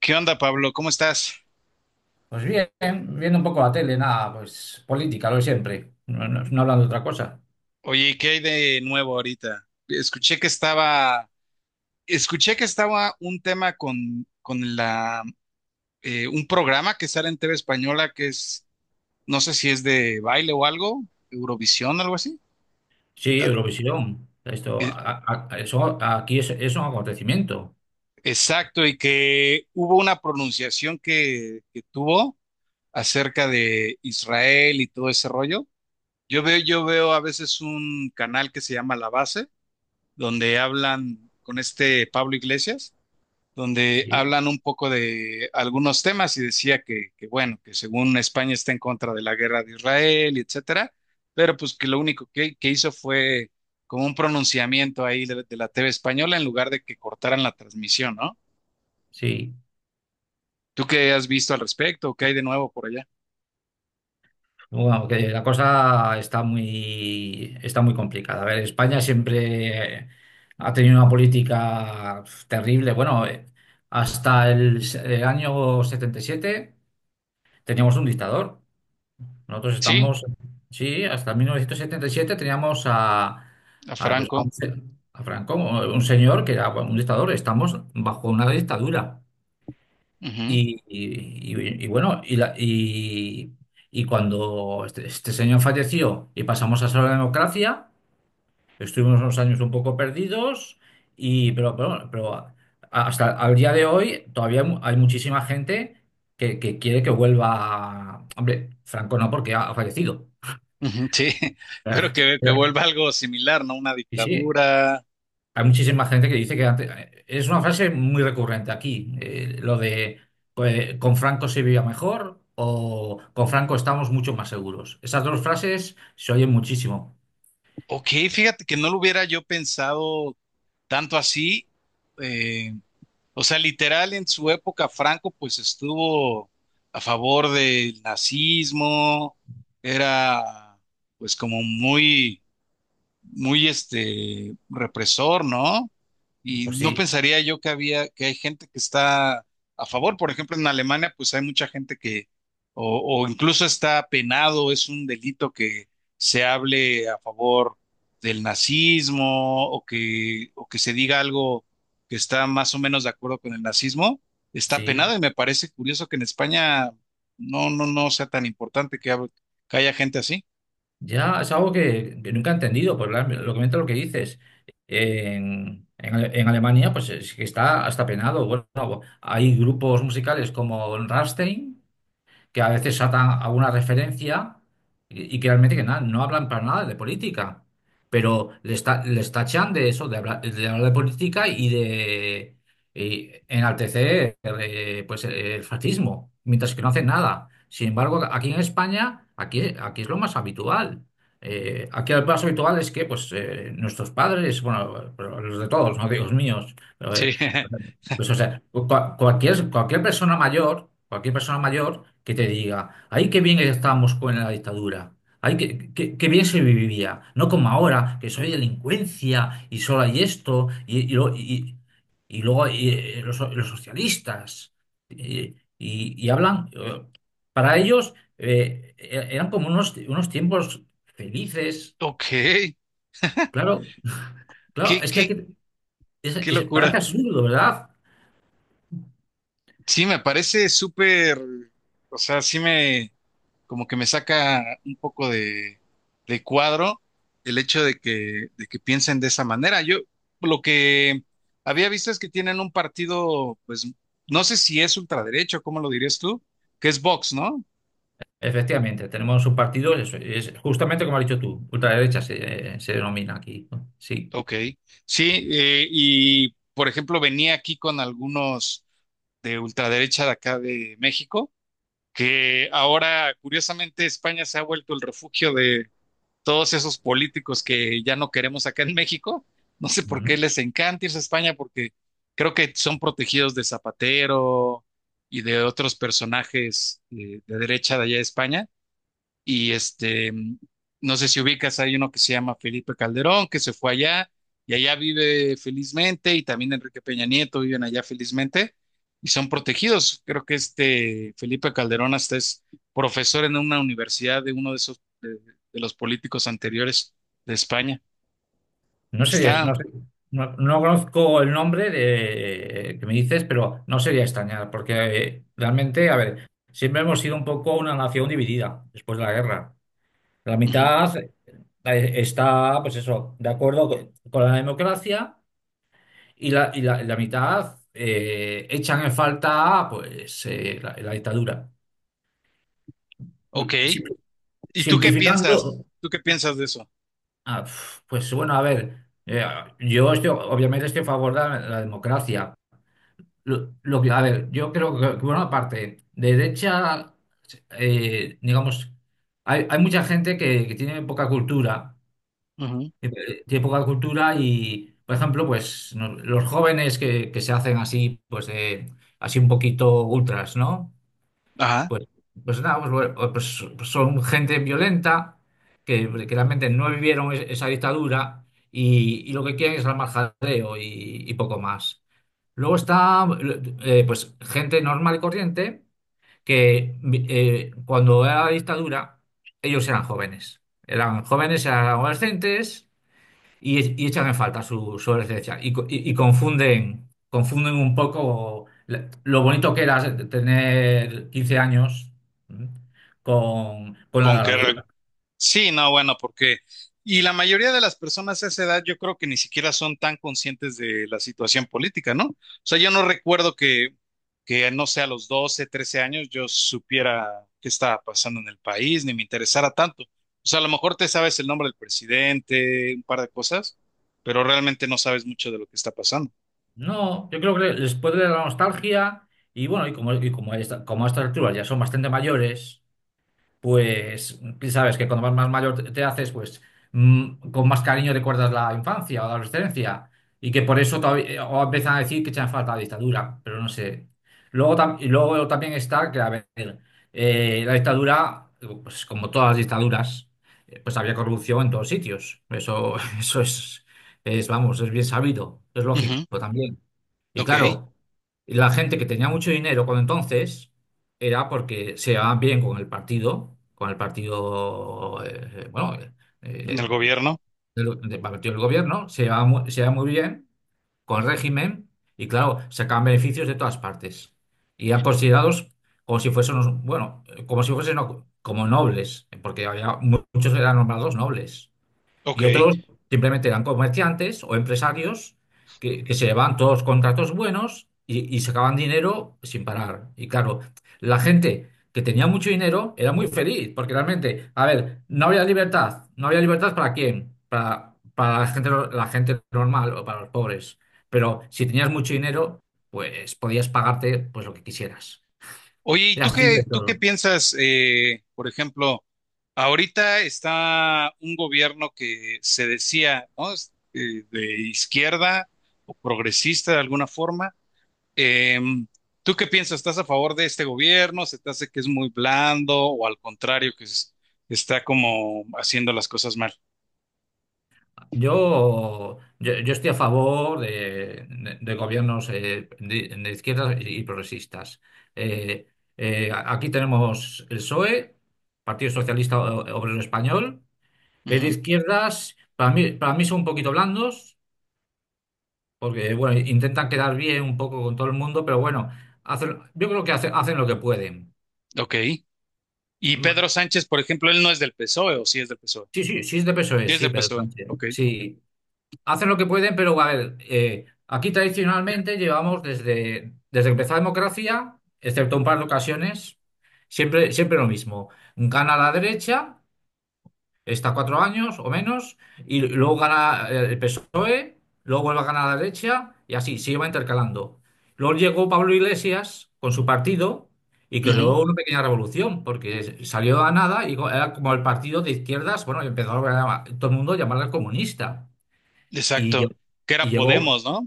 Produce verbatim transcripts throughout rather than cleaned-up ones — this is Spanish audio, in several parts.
¿Qué onda, Pablo? ¿Cómo estás? Pues bien, viendo un poco la tele, nada, pues política, lo de siempre. No, no, no hablando de otra cosa. Oye, ¿qué hay de nuevo ahorita? Escuché que estaba, escuché que estaba un tema con, con la, eh, un programa que sale en T V Española que es, no sé si es de baile o algo, Eurovisión, algo así. Sí, Eurovisión. Esto, E- a- a- a- eso, aquí es, es un acontecimiento. exacto, y que hubo una pronunciación que, que tuvo acerca de Israel y todo ese rollo. Yo veo, yo veo a veces un canal que se llama La Base, donde hablan con este Pablo Iglesias, donde Sí, hablan un poco de algunos temas y decía que, que, bueno, que según España está en contra de la guerra de Israel, etcétera, pero pues que lo único que, que hizo fue como un pronunciamiento ahí de, de la T V española en lugar de que cortaran la transmisión, ¿no? sí. ¿Tú qué has visto al respecto? ¿Qué hay de nuevo por allá? Bueno, que la cosa está muy, está muy complicada. A ver, España siempre ha tenido una política terrible. Bueno, eh, hasta el, s- el año setenta y siete teníamos un dictador. Nosotros Sí, estamos, sí, hasta mil novecientos setenta y siete teníamos a, a a, pues, a Franco. un se- a Franco, un señor que era bueno, un dictador. Estamos bajo una dictadura. Ujú. Y, y- y- y bueno, y, la- y- y cuando este, este señor falleció y pasamos a ser la democracia, estuvimos unos años un poco perdidos, y, pero, pero, pero a- hasta el día de hoy todavía mu- hay muchísima gente que, que quiere que vuelva. Hombre, Franco no, porque ha ha fallecido. Ujú, sí, pero Claro, que, que claro. vuelva algo similar, ¿no? Una Y sí, dictadura. hay muchísima gente que dice que antes, eh, es una frase muy recurrente aquí, eh, lo de pues, con Franco se vivía mejor o con Franco estamos mucho más seguros. Esas dos frases se oyen muchísimo. Ok, fíjate que no lo hubiera yo pensado tanto así. O sea, literal en su época Franco pues estuvo a favor del nazismo, era pues como muy, muy este represor, ¿no? Y Pues no sí, pensaría yo que había, que hay gente que está a favor. Por ejemplo, en Alemania, pues hay mucha gente que, o, o incluso está penado, es un delito que se hable a favor del nazismo o que, o que se diga algo que está más o menos de acuerdo con el nazismo, está sí, penado. Y me parece curioso que en España no, no, no sea tan importante que, hab- que haya gente así. ya es algo que, que nunca he entendido, pues la- lo que mientras lo que dices. En, en Ale- en Alemania, pues es que está hasta penado. Bueno, hay grupos musicales como Rammstein, que a veces atan a una referencia y, y que realmente que nada, no hablan para nada de política, pero les, ta- les tachan de eso, de hablar, de hablar, de política y de y enaltecer eh, pues, el fascismo, mientras que no hacen nada. Sin embargo, aquí en España, aquí, aquí es lo más habitual. Eh, aquí lo más habitual es que pues, eh, nuestros padres, bueno, pero los de todos, no digo los míos, pero, Sí. eh, pues, o sea, cu- cua- cualquier, cualquier persona mayor, cualquier persona mayor que te diga, ay, qué bien estábamos con la dictadura, ay, qué, qué- qué bien se vivía, no como ahora, que soy delincuencia y solo hay esto, y, y lo- y- y luego y, eh, los, los socialistas, y, y- y hablan, eh, para ellos eh, e- eran como unos, unos tiempos felices, Ok. claro, claro, Qué, es que, hay qué, que- es- Qué es- parece locura. absurdo, ¿verdad? Sí, me parece súper, o sea, sí me, como que me saca un poco de, de cuadro el hecho de que, de que piensen de esa manera. Yo lo que había visto es que tienen un partido, pues, no sé si es ultraderecho, ¿cómo lo dirías tú? Que es Vox, ¿no? Efectivamente, tenemos un partido, es, es justamente como has dicho tú, ultraderecha se, se denomina aquí, ¿no? Sí. Ok, sí, eh, y por ejemplo venía aquí con algunos de ultraderecha de acá de México, que ahora curiosamente España se ha vuelto el refugio todos esos políticos que ya no queremos acá en México, no sé por No, qué les encanta irse a España, porque creo que son protegidos de Zapatero y de otros personajes eh, de, derecha de allá de España, y este, no sé si ubicas, hay uno que se llama Felipe Calderón, que se fue allá y allá vive felizmente, y también Enrique Peña Nieto viven allá felizmente y son protegidos. Creo que este Felipe Calderón hasta es profesor en una universidad de uno de esos, de, de los políticos anteriores de España. no sería, Está, no, sé- no- no conozco el nombre de, que me dices, pero no sería extrañar, porque eh, realmente, a ver, siempre hemos sido un poco una nación dividida después de la guerra. La ujú, mitad eh, está, pues eso, de acuerdo con con la democracia y la, y la, la mitad eh, echan en falta, pues, eh, la la dictadura. ok. Sí. ¿Y tú qué piensas? Simplificando, ¿Tú qué piensas de eso? ah, pf, pues bueno, a ver, eh, yo estoy, obviamente estoy a favor de la, la democracia. Lo, lo que, a ver, yo creo que, bueno, aparte, de derecha, eh, digamos, hay, hay mucha gente que, que tiene poca cultura, Ujú. que, eh, tiene poca cultura y, por ejemplo, pues no- los jóvenes que, que se hacen así, pues eh, así un poquito ultras, ¿no? Ajá. Pues, pues nada, pues, bueno, pues- pues son gente violenta que, que realmente no vivieron es- esa dictadura y, y lo que quieren es armar jaleo y, y poco más. Luego está eh, pues gente normal y corriente que vi- eh, cuando era la dictadura ellos eran jóvenes. Eran jóvenes, eran adolescentes y, y echan en falta su, su esencia y, co- y- y confunden, confunden un poco la- lo bonito que era tener quince años ¿m? con, con ¿Con la qué? realidad. Sí, no, bueno, porque, y la mayoría de las personas a esa edad yo creo que ni siquiera son tan conscientes de la situación política, ¿no? O sea, yo no recuerdo que, que no sé, a los doce, trece años yo supiera qué estaba pasando en el país, ni me interesara tanto. O sea, a lo mejor te sabes el nombre del presidente, un par de cosas, pero realmente no sabes mucho de lo que está pasando. No, yo creo que les puede dar la nostalgia y bueno, y como, y como, a esta- como a estas alturas ya son bastante mayores, pues sabes que cuando más, más mayor te te haces, pues, mm, con más cariño recuerdas la infancia o la adolescencia y que por eso todavía, eh, o empiezan a decir que echan falta la dictadura, pero no sé. Luego, tam- y luego también está que, a ver, eh, la dictadura, pues como todas las dictaduras, eh, pues había corrupción en todos sitios. Eso, eso es, es, vamos, es bien sabido, es lógico Ujú. también. Y Ok, en claro, la gente que tenía mucho dinero cuando entonces era porque se llevaban bien con el partido, con el partido, eh, bueno, eh, eh, el gobierno, del, del partido del gobierno, se llevaban mu- se llevaban muy bien con el régimen y claro, sacaban beneficios de todas partes. Y eran considerados como si fuesen, unos- bueno, como si fuesen no- como nobles, porque había mu- muchos que eran nombrados nobles. ok. Y otros simplemente eran comerciantes o empresarios que, que se llevaban todos los contratos buenos y, y sacaban dinero sin parar. Y claro, la gente que tenía mucho dinero era muy feliz, porque realmente, a ver, no había libertad. ¿No había libertad para quién? Para, para la gente, no- la gente normal o para los pobres. Pero si tenías mucho dinero, pues podías pagarte pues, lo que quisieras. Oye, ¿y tú Eras libre qué, de tú qué todo. piensas, eh, por ejemplo? Ahorita está un gobierno que se decía, ¿no? Es, eh, de izquierda o progresista de alguna forma. Em, ¿tú qué piensas? ¿Estás a favor de este gobierno? ¿Se te hace que es muy blando o al contrario, que es- está como haciendo las cosas mal? Yo, yo, yo estoy a favor de, de- de gobiernos eh, de, de izquierdas y, y progresistas. Eh, eh, a- aquí tenemos el PSOE, Partido Socialista O- Obrero Español. Es de Ujú. izquierdas, para mí, para mí son un poquito blandos, porque bueno, intentan quedar bien un poco con todo el mundo, pero bueno, hacen, yo creo que hacen, hacen, lo que pueden. Ok. Y Mm, Pedro Sánchez, por ejemplo, él no es del PSOE o sí es del PSOE. sí, sí, sí es de PSOE, Sí es sí, del Pedro PSOE. Sánchez. Ok. Sí. Hacen lo que pueden, pero a ver, eh, aquí tradicionalmente llevamos desde, desde que empezó la democracia, excepto un par de ocasiones, siempre, siempre lo mismo. Gana la derecha, está cuatro años o menos, y luego gana eh, el PSOE, luego vuelve a ganar la derecha, y así, se iba intercalando. Luego llegó Pablo Iglesias con su partido y Ujú. creó una pequeña revolución, porque salió a nada y co- era como el partido de izquierdas, bueno, y empezó a, todo el mundo a llamarle comunista. Y, Exacto. lle- Que y era llegó Podemos, ¿no?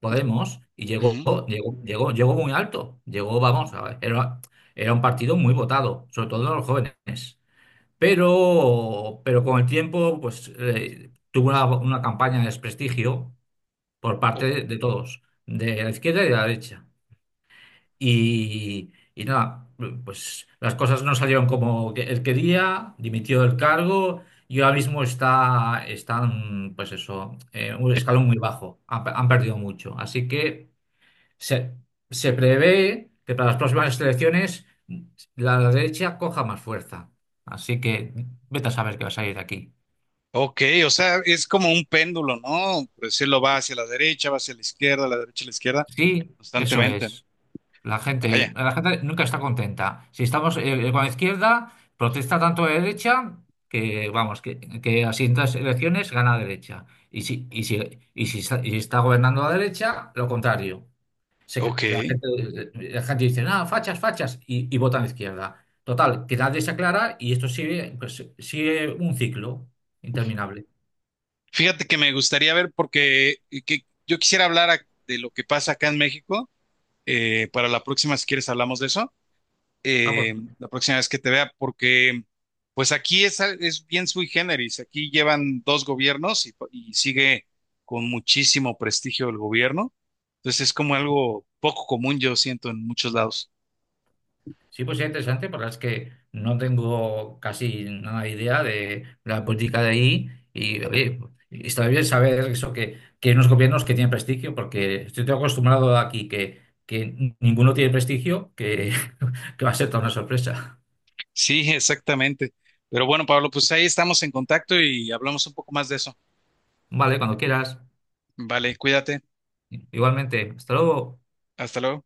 Podemos, y llegó, Ujú. llegó, llegó, llegó muy alto. Llegó, vamos, a ver, era, era un partido muy votado, sobre todo en los jóvenes. Pero, pero con el tiempo, pues eh, tuvo una, una campaña de desprestigio por parte de, de todos, de la izquierda y de la derecha. Y, y nada, pues las cosas no salieron como que él quería, dimitió del cargo y ahora mismo está, están, pues eso, en un escalón muy bajo, han, han perdido mucho. Así que se, se prevé que para las próximas elecciones la, la derecha coja más fuerza. Así que vete a saber qué va a salir de aquí. Ok, o sea, es como un péndulo, ¿no? Por decirlo, va hacia la derecha, va hacia la izquierda, la derecha, la izquierda, Sí, eso constantemente, ¿no? es. La gente, Vaya, la gente nunca está contenta. Si estamos eh, eh, con la izquierda, protesta tanto la derecha que, vamos, que, que a siguientes elecciones gana la derecha. Y si, y si, y si está, y si está gobernando la derecha, lo contrario. Se- ok. la gente, la gente dice, nada, fachas, fachas, y, y vota a la izquierda. Total, que nadie se aclara y esto sigue, pues, sigue un ciclo interminable. Fíjate que me gustaría ver, porque eh, que yo quisiera hablar a- de lo que pasa acá en México. Eh, para la próxima, si quieres, hablamos de eso. Vamos. Eh, la próxima vez que te vea, porque pues aquí es, al- es bien sui generis. Aquí llevan dos gobiernos y, y sigue con muchísimo prestigio el gobierno. Entonces es como algo poco común, yo siento, en muchos lados. Sí, pues es interesante, porque es que no tengo casi nada de idea de la política de ahí y oye, está bien saber eso que, que hay unos gobiernos que tienen prestigio, porque estoy acostumbrado aquí que, que ninguno tiene prestigio, que, que va a ser toda una sorpresa. Sí, exactamente. Pero bueno, Pablo, pues ahí estamos en contacto y hablamos un poco más de eso. Vale, cuando quieras. Vale, cuídate. Igualmente, hasta luego. Hasta luego.